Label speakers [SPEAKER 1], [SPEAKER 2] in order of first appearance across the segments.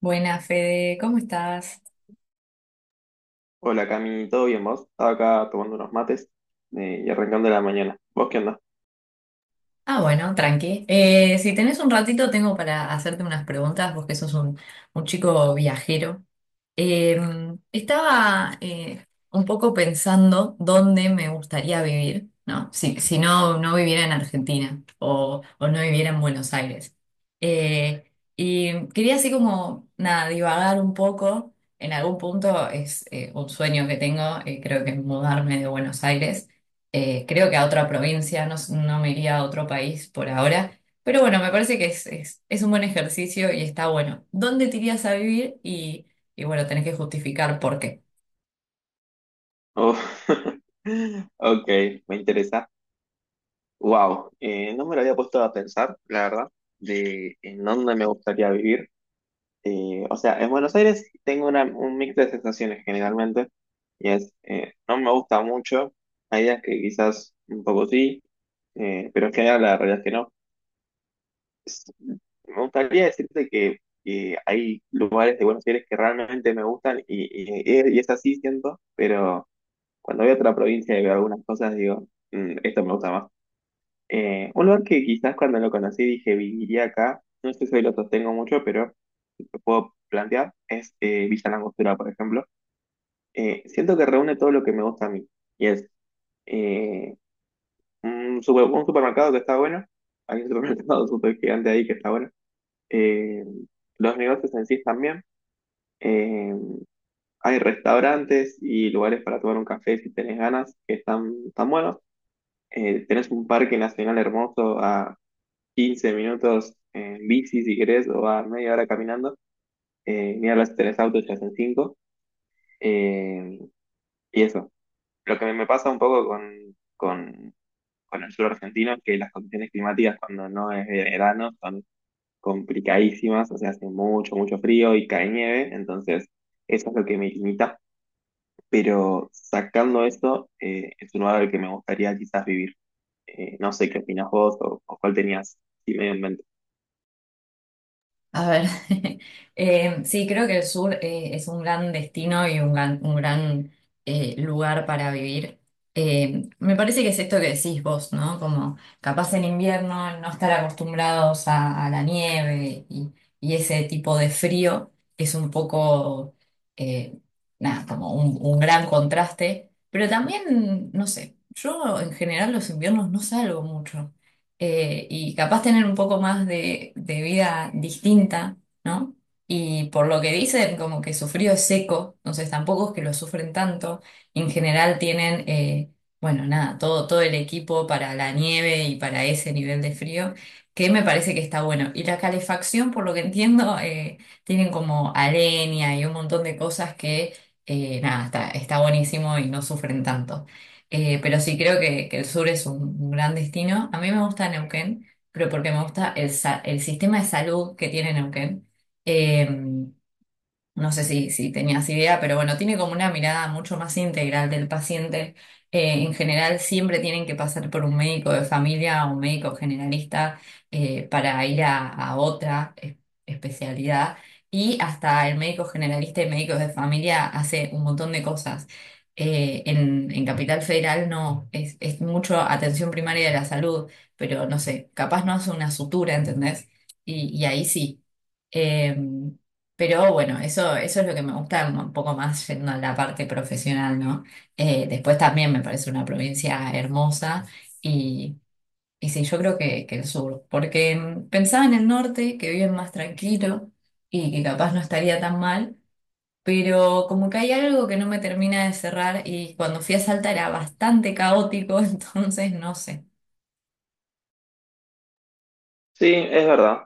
[SPEAKER 1] Buenas, Fede, ¿cómo estás?
[SPEAKER 2] Hola Cami, ¿todo bien vos? Estaba acá tomando unos mates y arrancando la mañana. ¿Vos qué onda?
[SPEAKER 1] Ah, bueno, tranqui. Si tenés un ratito, tengo para hacerte unas preguntas, vos que sos un chico viajero. Eh, Estaba un poco pensando dónde me gustaría vivir, ¿no? Si no, no viviera en Argentina o no viviera en Buenos Aires. Eh, y quería así como, nada, divagar un poco. En algún punto es un sueño que tengo, creo que es mudarme de Buenos Aires. Creo que a otra provincia, no, no me iría a otro país por ahora. Pero bueno, me parece que es un buen ejercicio y está bueno. ¿Dónde te irías a vivir y... y bueno, tenés que justificar por qué?
[SPEAKER 2] Oh, ok, me interesa. Wow, no me lo había puesto a pensar, la verdad, de en dónde me gustaría vivir. O sea, en Buenos Aires tengo un mix de sensaciones generalmente, y es, no me gusta mucho, hay días que quizás un poco sí, pero en general la realidad es que no. Me gustaría decirte que hay lugares de Buenos Aires que realmente me gustan y es así, siento, pero cuando voy a otra provincia y veo algunas cosas, digo, "Mm, esto me gusta más. Un lugar que quizás cuando lo conocí dije, viviría acá, no sé si hoy lo sostengo mucho, pero lo puedo plantear, es Villa Langostura, por ejemplo. Siento que reúne todo lo que me gusta a mí, y es eh, un supermercado que está bueno, hay un supermercado súper gigante ahí que está bueno, eh, los negocios en sí también. Eh, hay restaurantes y lugares para tomar un café si tenés ganas, que están tan buenos. Tenés un parque nacional hermoso a 15 minutos en bici si querés o a media hora caminando. Ni hablas si tenés auto, ya son 5. Y eso. Lo que me pasa un poco con, con el sur argentino es que las condiciones climáticas cuando no es verano son complicadísimas, o sea, hace mucho, mucho frío y cae nieve, entonces eso es lo que me limita, pero sacando eso, es un lugar al que me gustaría quizás vivir. No sé qué opinas vos o cuál tenías, sí, medio en mente.
[SPEAKER 1] A ver, sí, creo que el sur es un gran destino y un gran lugar para vivir. Me parece que es esto que decís vos, ¿no? Como capaz en invierno no estar acostumbrados a la nieve y ese tipo de frío es un poco, eh, nada, como un gran contraste. Pero también, no sé, yo en general los inviernos no salgo mucho. Y capaz tener un poco más de vida distinta, ¿no? Y por lo que dicen, como que su frío es seco, entonces tampoco es que lo sufren tanto. En general tienen, bueno, nada, todo el equipo para la nieve y para ese nivel de frío, que me parece que está bueno. Y la calefacción, por lo que entiendo, tienen como aleña y un montón de cosas que, nada, está buenísimo y no sufren tanto. Pero sí creo que el sur es un gran destino. A mí me gusta Neuquén, pero porque me gusta el sistema de salud que tiene Neuquén. Em, no sé si tenías idea, pero bueno, tiene como una mirada mucho más integral del paciente. En general, siempre tienen que pasar por un médico de familia o un médico generalista para ir a otra especialidad. Y hasta el médico generalista y médicos de familia hace un montón de cosas. En Capital Federal no, es mucho atención primaria de la salud, pero no sé, capaz no hace una sutura, ¿entendés? Y ahí sí. Em, pero bueno, eso es lo que me gusta un poco más yendo a la parte profesional, ¿no? Después también me parece una provincia hermosa y, y sí, yo creo que el sur, porque mm, pensaba en el norte, que viven más tranquilo y que capaz no estaría tan mal, pero como que hay algo que no me termina de cerrar y cuando fui a Salta era bastante caótico, entonces no sé.
[SPEAKER 2] Sí, es verdad.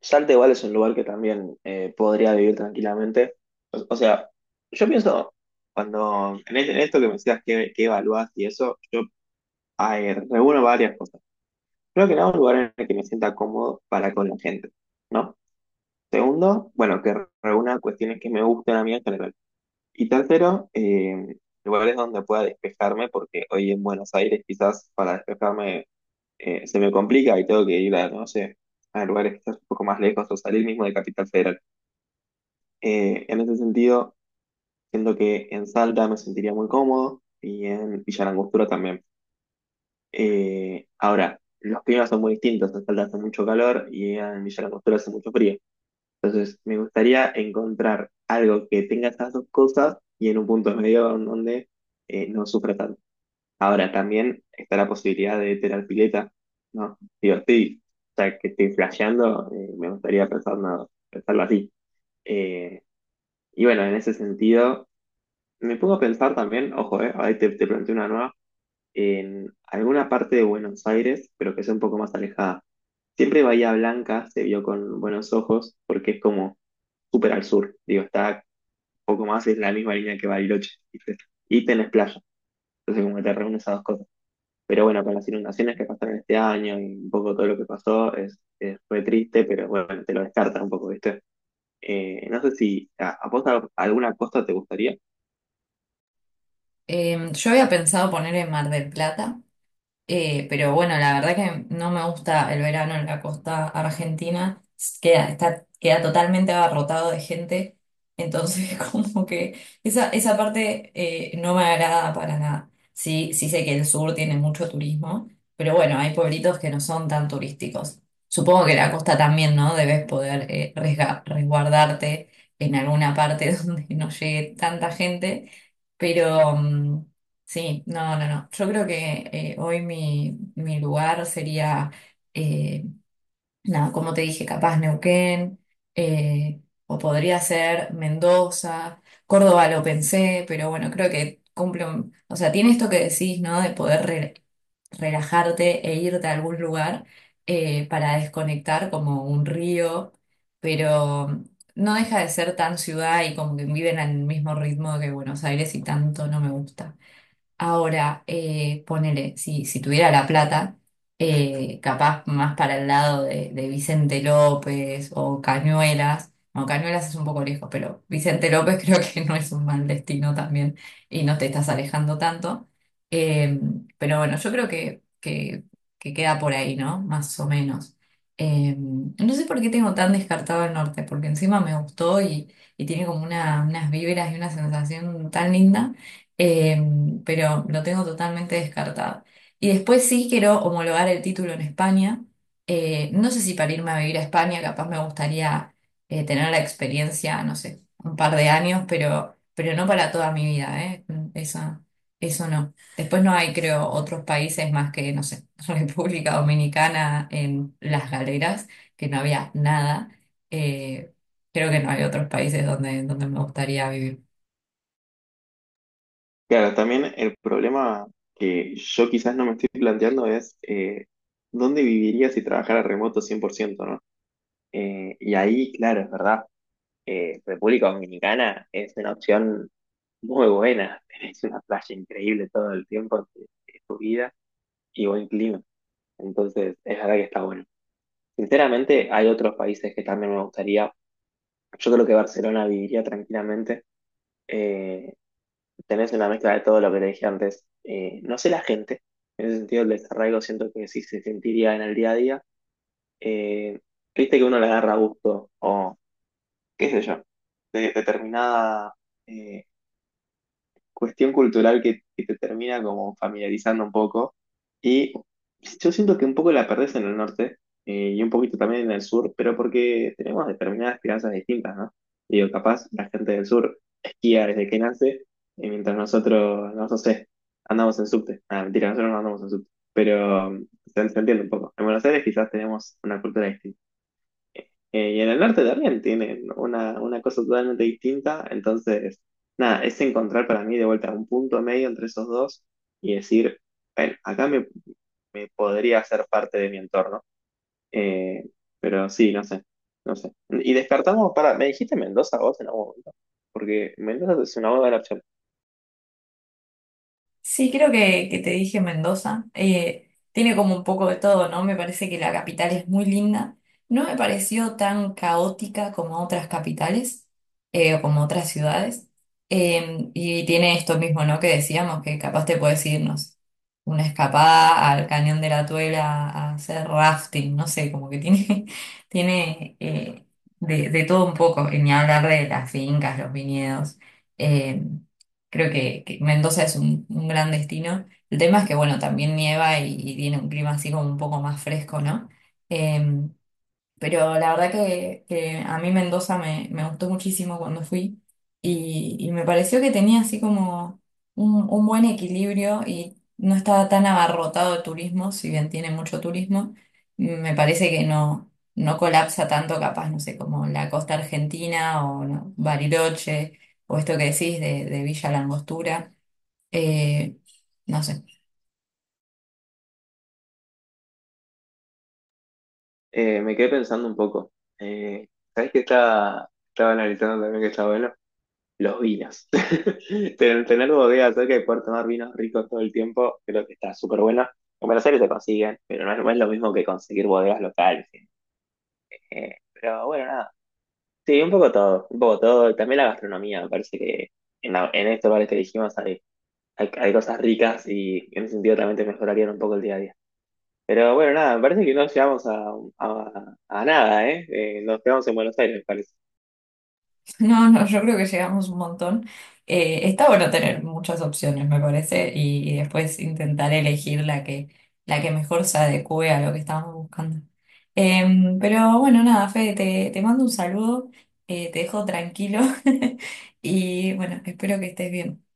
[SPEAKER 2] Salta igual es un lugar que también podría vivir tranquilamente. O sea, yo pienso, en esto que me decías que evaluás y eso, yo reúno varias cosas. Creo que nada, un lugar en el que me sienta cómodo para con la gente, ¿no? Segundo, bueno, que reúna cuestiones que me gustan a mí en general. Y tercero, lugares donde pueda despejarme, porque hoy en Buenos Aires quizás para despejarme se me complica y tengo que ir a, no sé, a lugares quizás un poco más lejos o salir mismo de Capital Federal. En ese sentido, siento que en Salta me sentiría muy cómodo y en Villa Langostura también. Ahora, los climas son muy distintos, en Salta hace mucho calor y en Villa Langostura hace mucho frío. Me gustaría encontrar algo que tenga esas dos cosas y en un punto medio en donde no sufra tanto. Ahora, también está la posibilidad de tener pileta, ¿no? Digo, sí, o sea, que estoy flasheando, me gustaría pensar nada, pensarlo así. Eh, y bueno, en ese sentido, me pongo a pensar también, ojo, ahí te planteo una nueva, en alguna parte de Buenos Aires, pero que sea un poco más alejada. Siempre Bahía Blanca se vio con buenos ojos porque es como súper al sur, digo, está poco más es la misma línea que Bariloche, ¿viste? Y tenés playa, entonces como que te reúnes esas dos cosas. Pero bueno, con las inundaciones que pasaron este año y un poco todo lo que pasó, fue triste, pero bueno, te lo descartan un poco, ¿viste? No sé si a vos alguna costa te gustaría.
[SPEAKER 1] Yo había pensado poner en Mar del Plata. Pero bueno, la verdad que no me gusta el verano en la costa argentina. Queda, está, queda totalmente abarrotado de gente. Entonces, como que esa parte no me agrada para nada. Sí, sí sé que el sur tiene mucho turismo, pero bueno, hay pueblitos que no son tan turísticos. Supongo que la costa también, ¿no? Debes poder resguardarte en alguna parte donde no llegue tanta gente. Pero, mm, sí, no, no, no. Yo creo que hoy mi lugar sería, eh, nada, como te dije, capaz Neuquén, eh, o podría ser Mendoza, Córdoba lo pensé, pero bueno, creo que cumple o sea, tiene esto que decís, ¿no? De poder relajarte e irte a algún lugar para desconectar como un río, pero no deja de ser tan ciudad y como que viven al mismo ritmo que Buenos Aires y tanto no me gusta. Ahora, ponele, si tuviera la plata, capaz más para el lado de Vicente López o Cañuelas. No, Cañuelas es un poco lejos, pero Vicente López creo que no es un mal destino también y no te estás alejando tanto. Eh, pero bueno, yo creo que queda por ahí, ¿no? Más o menos. No sé por qué tengo tan descartado el norte, porque encima me gustó y tiene como una, unas vibras y una sensación tan linda. Em, pero lo tengo totalmente descartado. Y después sí quiero homologar el título en España. No sé si para irme a vivir a España, capaz me gustaría tener la experiencia, no sé, un par de años, pero no para toda mi vida, ¿eh? Eso, eso no. Después no hay, creo, otros países más que, no sé, República Dominicana en Las Galeras, que no había nada. Eh, creo que no hay otros países donde, donde me gustaría vivir.
[SPEAKER 2] Claro, también el problema que yo quizás no me estoy planteando es dónde viviría si trabajara remoto 100%, ¿no? Y ahí, claro, es verdad, República Dominicana es una opción muy buena. Tenés una playa increíble todo el tiempo de tu vida y buen clima. Entonces, es verdad que está bueno. Sinceramente, hay otros países que también me gustaría. Yo creo que Barcelona viviría tranquilamente. Eh, tenés una mezcla de todo lo que te dije antes. No sé la gente. En ese sentido, el desarraigo siento que sí se sentiría en el día a día. Eh, viste que uno le agarra gusto o qué sé yo, de determinada eh, cuestión cultural que te termina como familiarizando un poco. Y yo siento que un poco la perdés en el norte y un poquito también en el sur, pero porque tenemos determinadas crianzas distintas, ¿no? Digo, capaz la gente del sur esquía desde que nace, y mientras nosotros, no sé, andamos en subte. Ah, mentira, nosotros no andamos en subte. Pero um, se se entiende un poco. En Buenos Aires quizás tenemos una cultura distinta. Y en el norte también tienen una cosa totalmente distinta. Entonces, nada, es encontrar para mí de vuelta un punto medio entre esos dos y decir, bueno, me podría hacer parte de mi entorno. Eh, pero sí, no sé, no sé. Y descartamos, para, ¿me dijiste Mendoza vos en algún momento? Porque Mendoza es una buena opción.
[SPEAKER 1] Sí, creo que te dije Mendoza. Tiene como un poco de todo, ¿no? Me parece que la capital es muy linda. No me pareció tan caótica como otras capitales o como otras ciudades. Y tiene esto mismo, ¿no? Que decíamos, que capaz te puedes irnos una escapada al Cañón de la Tuela a hacer rafting, no sé, como que tiene, tiene de todo un poco. Y ni hablar de las fincas, los viñedos. Em, creo que Mendoza es un gran destino. El tema es que, bueno, también nieva y tiene un clima así como un poco más fresco, ¿no? Em, pero la verdad que a mí Mendoza me gustó muchísimo cuando fui y me pareció que tenía así como un buen equilibrio y no estaba tan abarrotado de turismo, si bien tiene mucho turismo, me parece que no, no colapsa tanto capaz, no sé, como la costa argentina o no, Bariloche o esto que decís de Villa Langostura, eh, no sé.
[SPEAKER 2] Me quedé pensando un poco. Eh, ¿sabés que estaba analizando también que está bueno? Los vinos. Tener bodegas cerca y poder tomar vinos ricos todo el tiempo, creo que está súper bueno. En Buenos Aires se consiguen, pero no es, no es lo mismo que conseguir bodegas locales. Pero bueno, nada. Sí, un poco todo, un poco todo. También la gastronomía, me parece que en estos bares que dijimos hay cosas ricas y en ese sentido también te mejorarían un poco el día a día. Pero bueno, nada, me parece que no llegamos a nada, ¿eh? Nos quedamos en Buenos Aires, me parece.
[SPEAKER 1] No, no, yo creo que llegamos un montón. Está bueno tener muchas opciones, me parece, y después intentar elegir la que mejor se adecue a lo que estábamos buscando. Em, pero bueno, nada, Fede, te mando un saludo, te dejo tranquilo y bueno, espero que estés bien.